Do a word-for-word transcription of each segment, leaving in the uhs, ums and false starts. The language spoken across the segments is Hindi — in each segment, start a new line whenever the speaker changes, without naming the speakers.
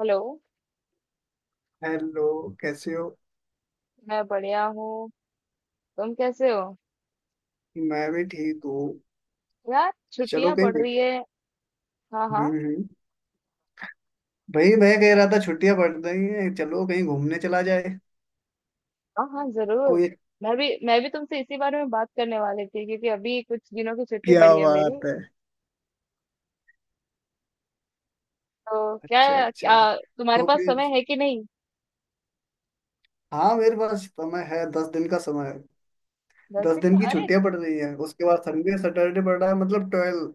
हेलो।
हेलो। कैसे हो?
मैं बढ़िया हूँ। तुम कैसे हो?
मैं भी ठीक हूँ।
यार
चलो
छुट्टियां
कहीं
पड़
देख।
रही है। हाँ
हम्म,
हाँ।
हम्म। भाई, मैं कह रहा था छुट्टियां पड़ रही हैं, चलो कहीं घूमने चला जाए।
हाँ हाँ जरूर।
कोई,
मैं भी मैं भी तुमसे इसी बारे में बात करने वाली थी क्योंकि अभी कुछ दिनों की छुट्टी
क्या
पड़ी है मेरी।
बात है?
तो
अच्छा,
क्या,
अच्छा।
क्या तुम्हारे
तो
पास
फिर
समय है कि नहीं?
हाँ, मेरे पास समय है, दस दिन का समय है।
दस
दस
दिन का,
दिन की
अरे!
छुट्टियां पड़ रही हैं, उसके बाद संडे सैटरडे पड़ रहा है, मतलब ट्वेल्व,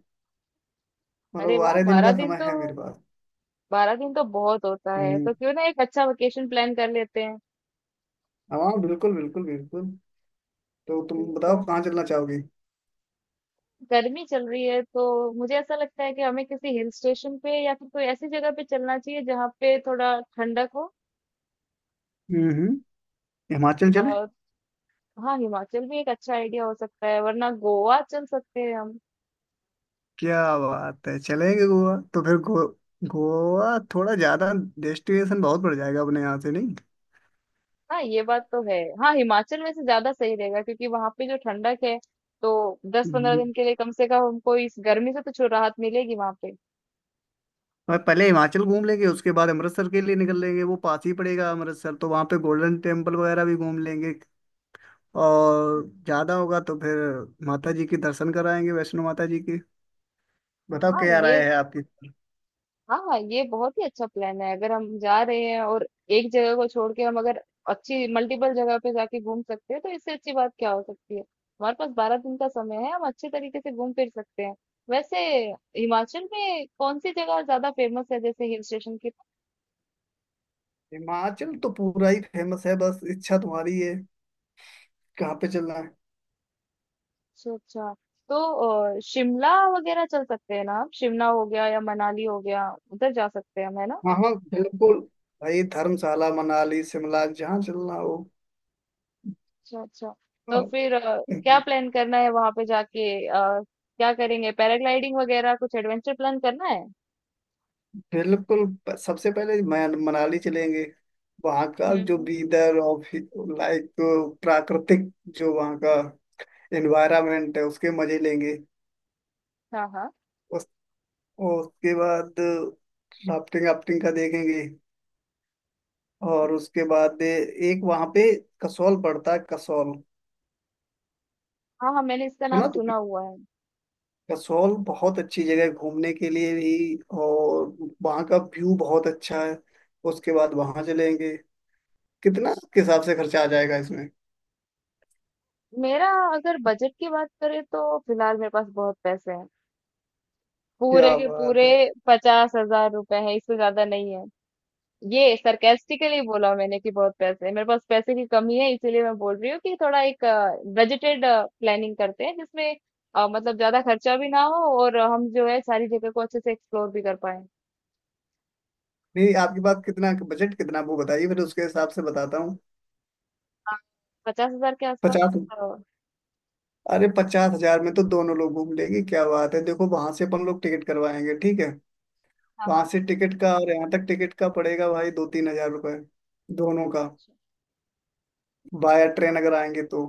अरे
मतलब
वाह,
बारह दिन
बारह
का
दिन
समय
तो,
है मेरे पास।
बारह दिन तो बहुत होता है।
हम्म।
तो क्यों ना एक अच्छा वेकेशन प्लान कर लेते हैं।
हाँ, बिल्कुल, बिल्कुल, बिल्कुल। तो तुम
ठीक है।
बताओ कहाँ चलना चाहोगी।
गर्मी चल रही है तो मुझे ऐसा लगता है कि हमें किसी हिल स्टेशन पे या फिर कोई ऐसी जगह पे चलना चाहिए जहाँ पे थोड़ा ठंडक
हम्म, हम्म, हिमाचल चले?
हो। हाँ हिमाचल भी एक अच्छा आइडिया हो सकता है, वरना गोवा चल सकते हैं हम।
क्या बात है, चलेंगे गोवा। तो फिर गो, गोवा थोड़ा ज्यादा डेस्टिनेशन बहुत बढ़ जाएगा अपने यहाँ से, नहीं?
हाँ ये बात तो है। हाँ हिमाचल में से ज्यादा सही रहेगा क्योंकि वहां पे जो ठंडक है तो दस पंद्रह
हम्म।
दिन के लिए कम से कम हमको इस गर्मी से तो छुट राहत मिलेगी वहां पे।
और पहले हिमाचल घूम लेंगे, उसके बाद अमृतसर के लिए निकल लेंगे। वो पास ही पड़ेगा अमृतसर, तो वहाँ पे गोल्डन टेम्पल वगैरह भी घूम लेंगे। और ज्यादा होगा तो फिर माता जी के दर्शन कराएंगे, वैष्णो माता जी के। बताओ
हाँ
क्या
ये
राय है आपकी।
हाँ ये बहुत ही अच्छा प्लान है। अगर हम जा रहे हैं और एक जगह को छोड़ के हम अगर अच्छी मल्टीपल जगह पे जाके घूम सकते हैं तो इससे अच्छी बात क्या हो सकती है। हमारे पास बारह दिन का समय है, हम अच्छे तरीके से घूम फिर सकते हैं। वैसे हिमाचल में कौन सी जगह ज्यादा फेमस है जैसे हिल स्टेशन की?
हिमाचल तो पूरा ही फेमस है, बस इच्छा तुम्हारी है कहाँ पे चलना है।
अच्छा अच्छा। तो अ, शिमला वगैरह चल सकते हैं ना। हम शिमला हो गया या मनाली हो गया, उधर जा सकते हैं हम, है ना?
हाँ, हाँ, बिल्कुल। भाई, धर्मशाला, मनाली, शिमला, जहाँ चलना हो।
अच्छा अच्छा। तो
हाँ,
फिर अ, क्या प्लान करना है वहां पे जाके? अ, क्या करेंगे? पैराग्लाइडिंग वगैरह कुछ एडवेंचर प्लान करना है?
बिल्कुल। प- सबसे पहले मैं- मनाली चलेंगे। वहाँ का जो
हम्म।
वीदर और लाइक प्राकृतिक, जो वहाँ का एनवायरनमेंट है, उसके मजे लेंगे।
हाँ हाँ।
उस उसके बाद राफ्टिंग वाफ्टिंग का देखेंगे।
हम्म।
और उसके बाद एक वहाँ पे कसौल पड़ता है, कसौल।
हाँ हाँ, मैंने इसका नाम
सुना तो
सुना हुआ है।
कसौल बहुत अच्छी जगह है घूमने के लिए भी। और वहाँ का व्यू बहुत अच्छा है। उसके बाद वहाँ चलेंगे। कितना के हिसाब से खर्चा आ जाएगा इसमें?
मेरा, अगर बजट की बात करें तो फिलहाल मेरे पास बहुत पैसे हैं, पूरे
क्या
के पूरे
बात है।
पचास हजार रुपए है, इससे ज्यादा नहीं है। ये सरकास्टिकली बोला मैंने कि बहुत पैसे हैं मेरे पास। पैसे की कमी है इसीलिए मैं बोल रही हूँ कि थोड़ा एक बजटेड प्लानिंग करते हैं जिसमें अ, मतलब ज्यादा खर्चा भी ना हो और हम जो है सारी जगह को अच्छे से एक्सप्लोर भी कर पाए।
नहीं, आपके पास कितना बजट, कितना, वो बताइए, फिर उसके हिसाब से बताता हूँ।
पचास हजार के आसपास।
पचास?
अ,
अरे, पचास हजार में तो दोनों लोग घूम लेंगे, क्या बात है। देखो, वहां से अपन लोग टिकट करवाएंगे, ठीक है।
हाँ
वहां
हाँ।
से टिकट का और यहाँ तक टिकट का पड़ेगा भाई, दो तीन हजार रुपए, दोनों का।
अच्छा।
बाया ट्रेन अगर आएंगे तो।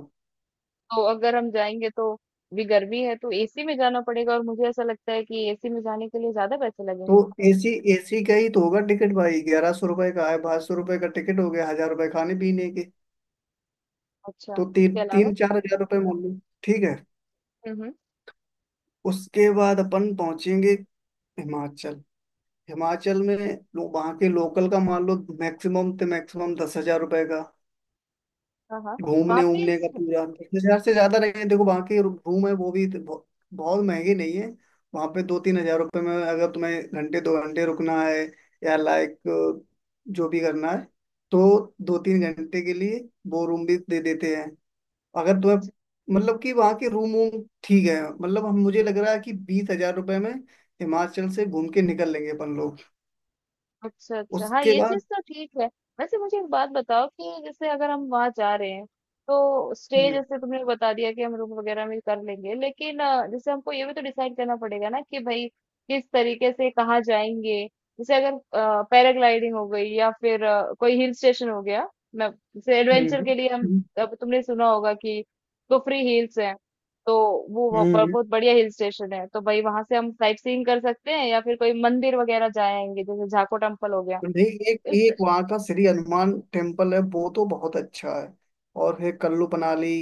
तो अगर हम जाएंगे तो भी गर्मी है तो एसी में जाना पड़ेगा, और मुझे ऐसा लगता है कि एसी में जाने के लिए ज्यादा पैसे
तो
लगेंगे।
ए सी, एसी का ही तो होगा टिकट भाई, ग्यारह सौ रुपए का है, बारह सौ रुपए का टिकट हो गया, हजार रुपए खाने पीने के।
अच्छा,
तो
उसके
तीन
अलावा?
तीन चार हजार रुपए मान लो, ठीक है।
हम्म हम्म।
उसके बाद अपन पहुंचेंगे हिमाचल। हिमाचल में लो, वहाँ के लोकल का मान लो मैक्सिमम, तो मैक्सिमम दस हजार रुपए का।
हाँ हाँ। वहाँ
घूमने
पे
उमने का पूरा दस हजार से ज्यादा नहीं है। देखो, वहाँ के रूम है, वो भी तो बहु- बहुत महंगी नहीं है। वहाँ पे दो तीन हजार रुपए में, अगर तुम्हें घंटे दो घंटे रुकना है, या लाइक जो भी करना है, तो दो तीन घंटे के लिए वो रूम भी दे देते हैं। अगर तुम्हें, मतलब कि वहाँ के रूम वूम ठीक है, मतलब हम, मुझे लग रहा है कि बीस हजार रुपए में हिमाचल से घूम के निकल लेंगे अपन लोग।
अच्छा, अच्छा। हाँ,
उसके
ये
बाद
चीज़ तो ठीक है। वैसे मुझे एक बात बताओ, कि जैसे अगर हम वहाँ जा रहे हैं, तो स्टे
हम्म,
जैसे तुमने बता दिया कि हम रूम वगैरह में कर लेंगे, लेकिन अ, जैसे हमको ये भी तो डिसाइड करना पड़ेगा ना कि भाई किस तरीके से कहाँ जाएँगे। जैसे अगर अ, पैराग्लाइडिंग हो गई या फिर अ, कोई हिल स्टेशन हो गया, मैं जैसे एडवेंचर
हम्म,
के लिए हम,
हम्म,
अब तुमने सुना होगा कि कुफरी हिल्स है तो वो वह- ब-
हम्म।
बहुत बढ़िया हिल स्टेशन है। तो भाई वहां से हम साइट सीइंग कर सकते हैं या फिर कोई मंदिर वगैरह जाएंगे जैसे झाको टेम्पल हो गया।
तो नहीं, एक
इस,
एक वहाँ का श्री हनुमान टेम्पल है, वो तो बहुत अच्छा है। और है कल्लू मनाली।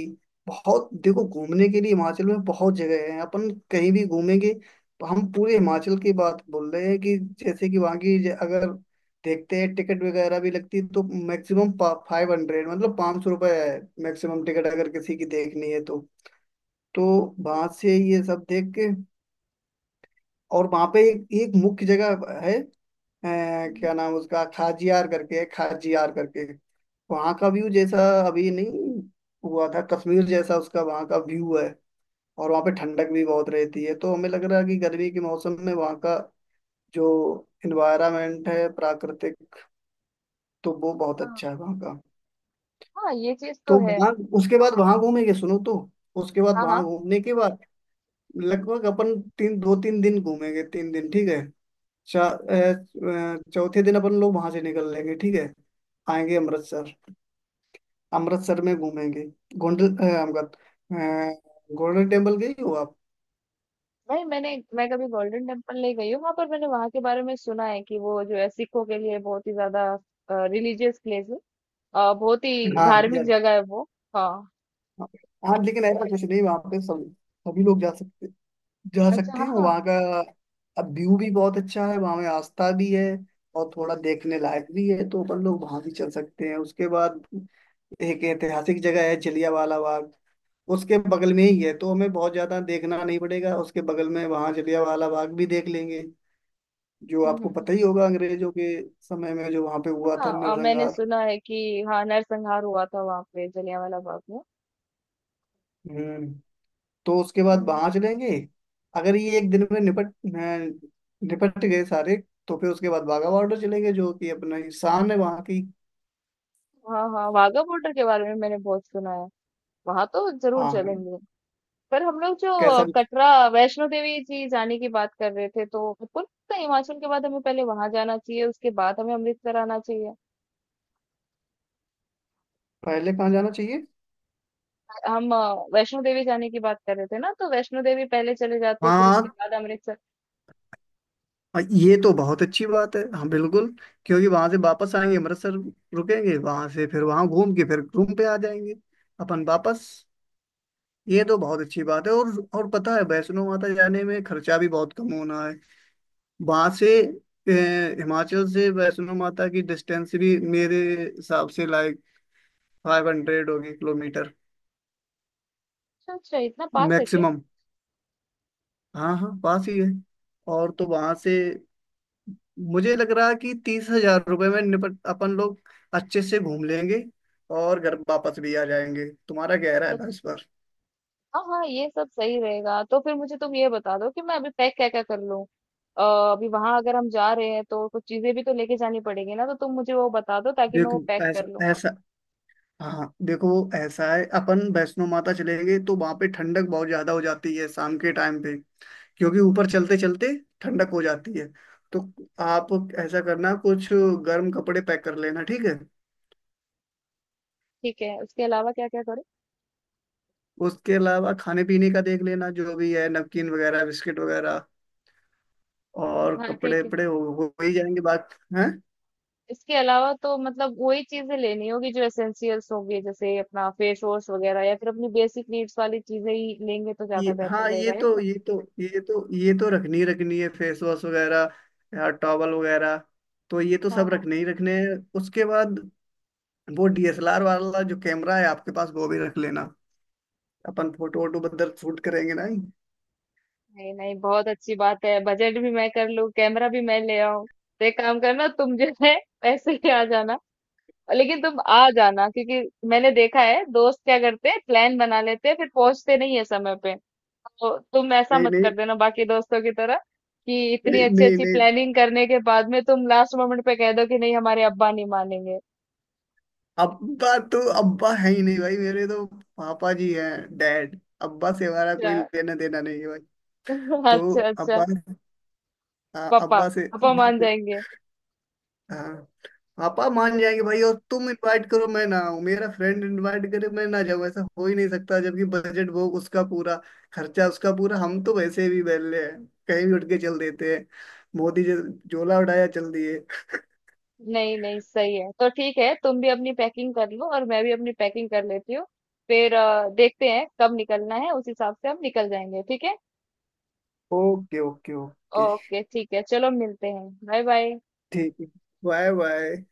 बहुत, देखो, घूमने के लिए हिमाचल में बहुत जगह है, अपन कहीं भी घूमेंगे। तो हम पूरे हिमाचल की बात बोल रहे हैं कि जैसे कि वहाँ की ज- अगर देखते हैं, टिकट वगैरह भी लगती है, तो मैक्सिमम फाइव हंड्रेड, मतलब पाँच सौ रुपये है मैक्सिमम टिकट, अगर किसी की देखनी है तो। तो वहां से ये सब देख के, और वहां पे एक, एक मुख्य जगह है, अ,
हम्म,
क्या नाम उसका, खाजियार करके है, खाजियार करके। वहां का व्यू जैसा, अभी नहीं हुआ था, कश्मीर जैसा उसका वहां का व्यू है। और वहां पे ठंडक भी बहुत रहती है, तो हमें लग रहा है कि गर्मी के मौसम में वहां का जो इन्वायरमेंट है प्राकृतिक, तो वो बहुत
हाँ
अच्छा है वहां का।
हाँ, ये चीज तो
तो
है।
वहां उसके बाद वहां घूमेंगे, सुनो तो। उसके बाद
हाँ
वहां
हाँ।
घूमने के बाद लगभग अपन तीन, दो तीन दिन घूमेंगे, तीन दिन ठीक है। चा- अ, अ, चौथे दिन अपन लोग वहां से निकल लेंगे, ठीक है। आएंगे अमृतसर। अमृतसर में घूमेंगे। गोल्डन, अ, मतलब, अ, गोल्डन टेम्पल गई हो आप?
भाई मैंने मैं कभी गोल्डन टेम्पल नहीं गई हूँ। वहां पर मैंने वहां के बारे में सुना है कि वो जो है सिखों के लिए बहुत ही ज्यादा रिलीजियस प्लेस है। अ, बहुत ही
हाँ
धार्मिक
यार।
जगह है वो। हाँ।
हाँ, लेकिन ऐसा कुछ नहीं, वहाँ पे सब, सभी लोग जा सकते, जा
अच्छा
सकते
हाँ
हैं
हाँ।
वहाँ का। अब व्यू भी बहुत अच्छा है, वहाँ में आस्था भी है और थोड़ा देखने लायक भी है, तो अपन लोग वहाँ भी चल सकते हैं। उसके बाद एक ऐतिहासिक जगह है, जलियांवाला बाग, उसके बगल में ही है, तो हमें बहुत ज्यादा देखना नहीं पड़ेगा। उसके बगल में वहां जलियांवाला बाग भी देख लेंगे, जो
हम्म
आपको पता
हम्म।
ही होगा, अंग्रेजों के समय में जो वहां पे हुआ
हम्म।
था
हाँ अ, मैंने
नरसंहार।
सुना है कि हाँ नरसंहार हुआ था वहां पे जलियांवाला बाग
हम्म। तो उसके बाद
में।
वहां चलेंगे। अगर ये एक दिन में निपट अ, निपट गए सारे, तो फिर उसके बाद बाघा बॉर्डर चलेंगे, जो कि अपना ही शान है वहां की।
हाँ हाँ, वाघा बॉर्डर के बारे में मैंने बहुत सुना है, वहां तो जरूर
हाँ, हाँ।
चलेंगे। पर हम लोग जो
कैसा भी।
कटरा वैष्णो देवी जी जाने की बात कर रहे थे तो हमको लगता है हिमाचल के बाद हमें पहले वहां जाना चाहिए, उसके बाद हमें अमृतसर आना चाहिए।
पहले कहाँ जाना चाहिए?
हम अ, वैष्णो देवी जाने की बात कर रहे थे ना, तो वैष्णो देवी पहले चले जाते फिर उसके
हाँ,
बाद अमृतसर।
और ये तो बहुत अच्छी बात है, हाँ, बिल्कुल। क्योंकि वहां से वापस आएंगे अमृतसर, रुकेंगे वहां से, फिर वहां घूम के फिर रूम पे आ जाएंगे अपन वापस। ये तो बहुत अच्छी बात है। और और पता है, वैष्णो माता जाने में खर्चा भी बहुत कम होना है। वहां से ए, हिमाचल से वैष्णो माता की डिस्टेंस भी मेरे हिसाब से लाइक फाइव हंड्रेड होगी, किलोमीटर,
अच्छा अच्छा, इतना पास है
मैक्सिमम। हाँ, हाँ, पास ही है। और तो वहां से मुझे लग रहा है कि तीस हजार रुपये में निपट अपन लोग अच्छे से घूम लेंगे और घर वापस भी आ जाएंगे। तुम्हारा क्या
क्या?
इरादा है इस पर?
हाँ हाँ ये सब सही रहेगा। तो फिर मुझे तुम ये बता दो कि मैं अभी पैक क्या क्या कर लूँ। अ, अभी वहां अगर हम जा रहे हैं तो कुछ चीजें भी तो लेके जानी पड़ेगी ना, तो तुम मुझे वो बता दो ताकि मैं वो
देखो,
पैक कर लूँ।
ऐसा, ऐसा, हाँ देखो, ऐसा है, अपन वैष्णो माता चलेंगे तो वहां पे ठंडक बहुत ज्यादा हो जाती है शाम के टाइम पे। क्योंकि ऊपर चलते चलते ठंडक हो जाती है। तो आप ऐसा करना, कुछ गर्म कपड़े पैक कर लेना, ठीक है।
ठीक है, उसके अलावा क्या क्या करूँ?
उसके अलावा खाने पीने का देख लेना, जो भी है, नमकीन वगैरह, बिस्किट वगैरह। और
हाँ
कपड़े
ठीक है।
वपड़े हो, हो ही जाएंगे, बात है।
इसके अलावा तो मतलब वही चीजें लेनी होगी जो एसेंशियल्स होंगी जैसे अपना फेस वॉश वगैरह या फिर अपनी बेसिक नीड्स वाली चीजें ही लेंगे तो
ये
ज्यादा बेहतर
हाँ, ये
रहेगा, है
तो
ना?
ये तो ये तो ये तो रखनी ही रखनी है, फेस वॉश वगैरह या टॉवल वगैरह, तो ये तो
हाँ
सब
हाँ।
रखने ही रखने हैं। उसके बाद वो डी एस एल आर वाला जो कैमरा है आपके पास, वो भी रख लेना, अपन फोटो वोटो बदल शूट करेंगे ना? नहीं,
नहीं नहीं, बहुत अच्छी बात है, बजट भी मैं कर लूँ कैमरा भी मैं ले आऊँ। तो एक काम करना, तुम जो है पैसे ले आ जाना, लेकिन तुम आ जाना, क्योंकि मैंने देखा है दोस्त क्या करते हैं प्लान बना लेते हैं फिर पहुंचते नहीं है समय पे। तो तुम ऐसा मत
नहीं,
कर देना बाकी दोस्तों की तरह कि इतनी
नहीं,
अच्छी
नहीं,
अच्छी
नहीं,
प्लानिंग करने के बाद में तुम लास्ट मोमेंट पे कह दो कि नहीं हमारे अब्बा नहीं मानेंगे।
अब्बा तो अब्बा है ही नहीं भाई, मेरे तो पापा जी हैं, डैड। अब्बा से हमारा
अच्छा।
कोई लेना देना नहीं है भाई। तो
अच्छा अच्छा।
अब्बा, हाँ,
पापा,
अब्बा से
पापा
अब्बा
मान
से
जाएंगे।
हाँ, पापा मान जाएंगे भाई। और तुम इनवाइट करो मैं ना आऊं, मेरा फ्रेंड इनवाइट करे मैं ना जाऊं, ऐसा हो ही नहीं सकता, जबकि बजट वो उसका पूरा, खर्चा उसका पूरा। हम तो वैसे भी बैले हैं, कहीं भी उठ के चल देते हैं। मोदी जी, झोला उठाया चल दिए।
नहीं नहीं, सही है। तो ठीक है, तुम भी अपनी पैकिंग कर लो और मैं भी अपनी पैकिंग कर लेती हूँ। फिर अ, देखते हैं कब निकलना है उस हिसाब से हम निकल जाएंगे। ठीक है।
ओके, ओके, ओके,
ओके ठीक है, चलो मिलते हैं। Bye bye.
ठीक है। Bye, bye.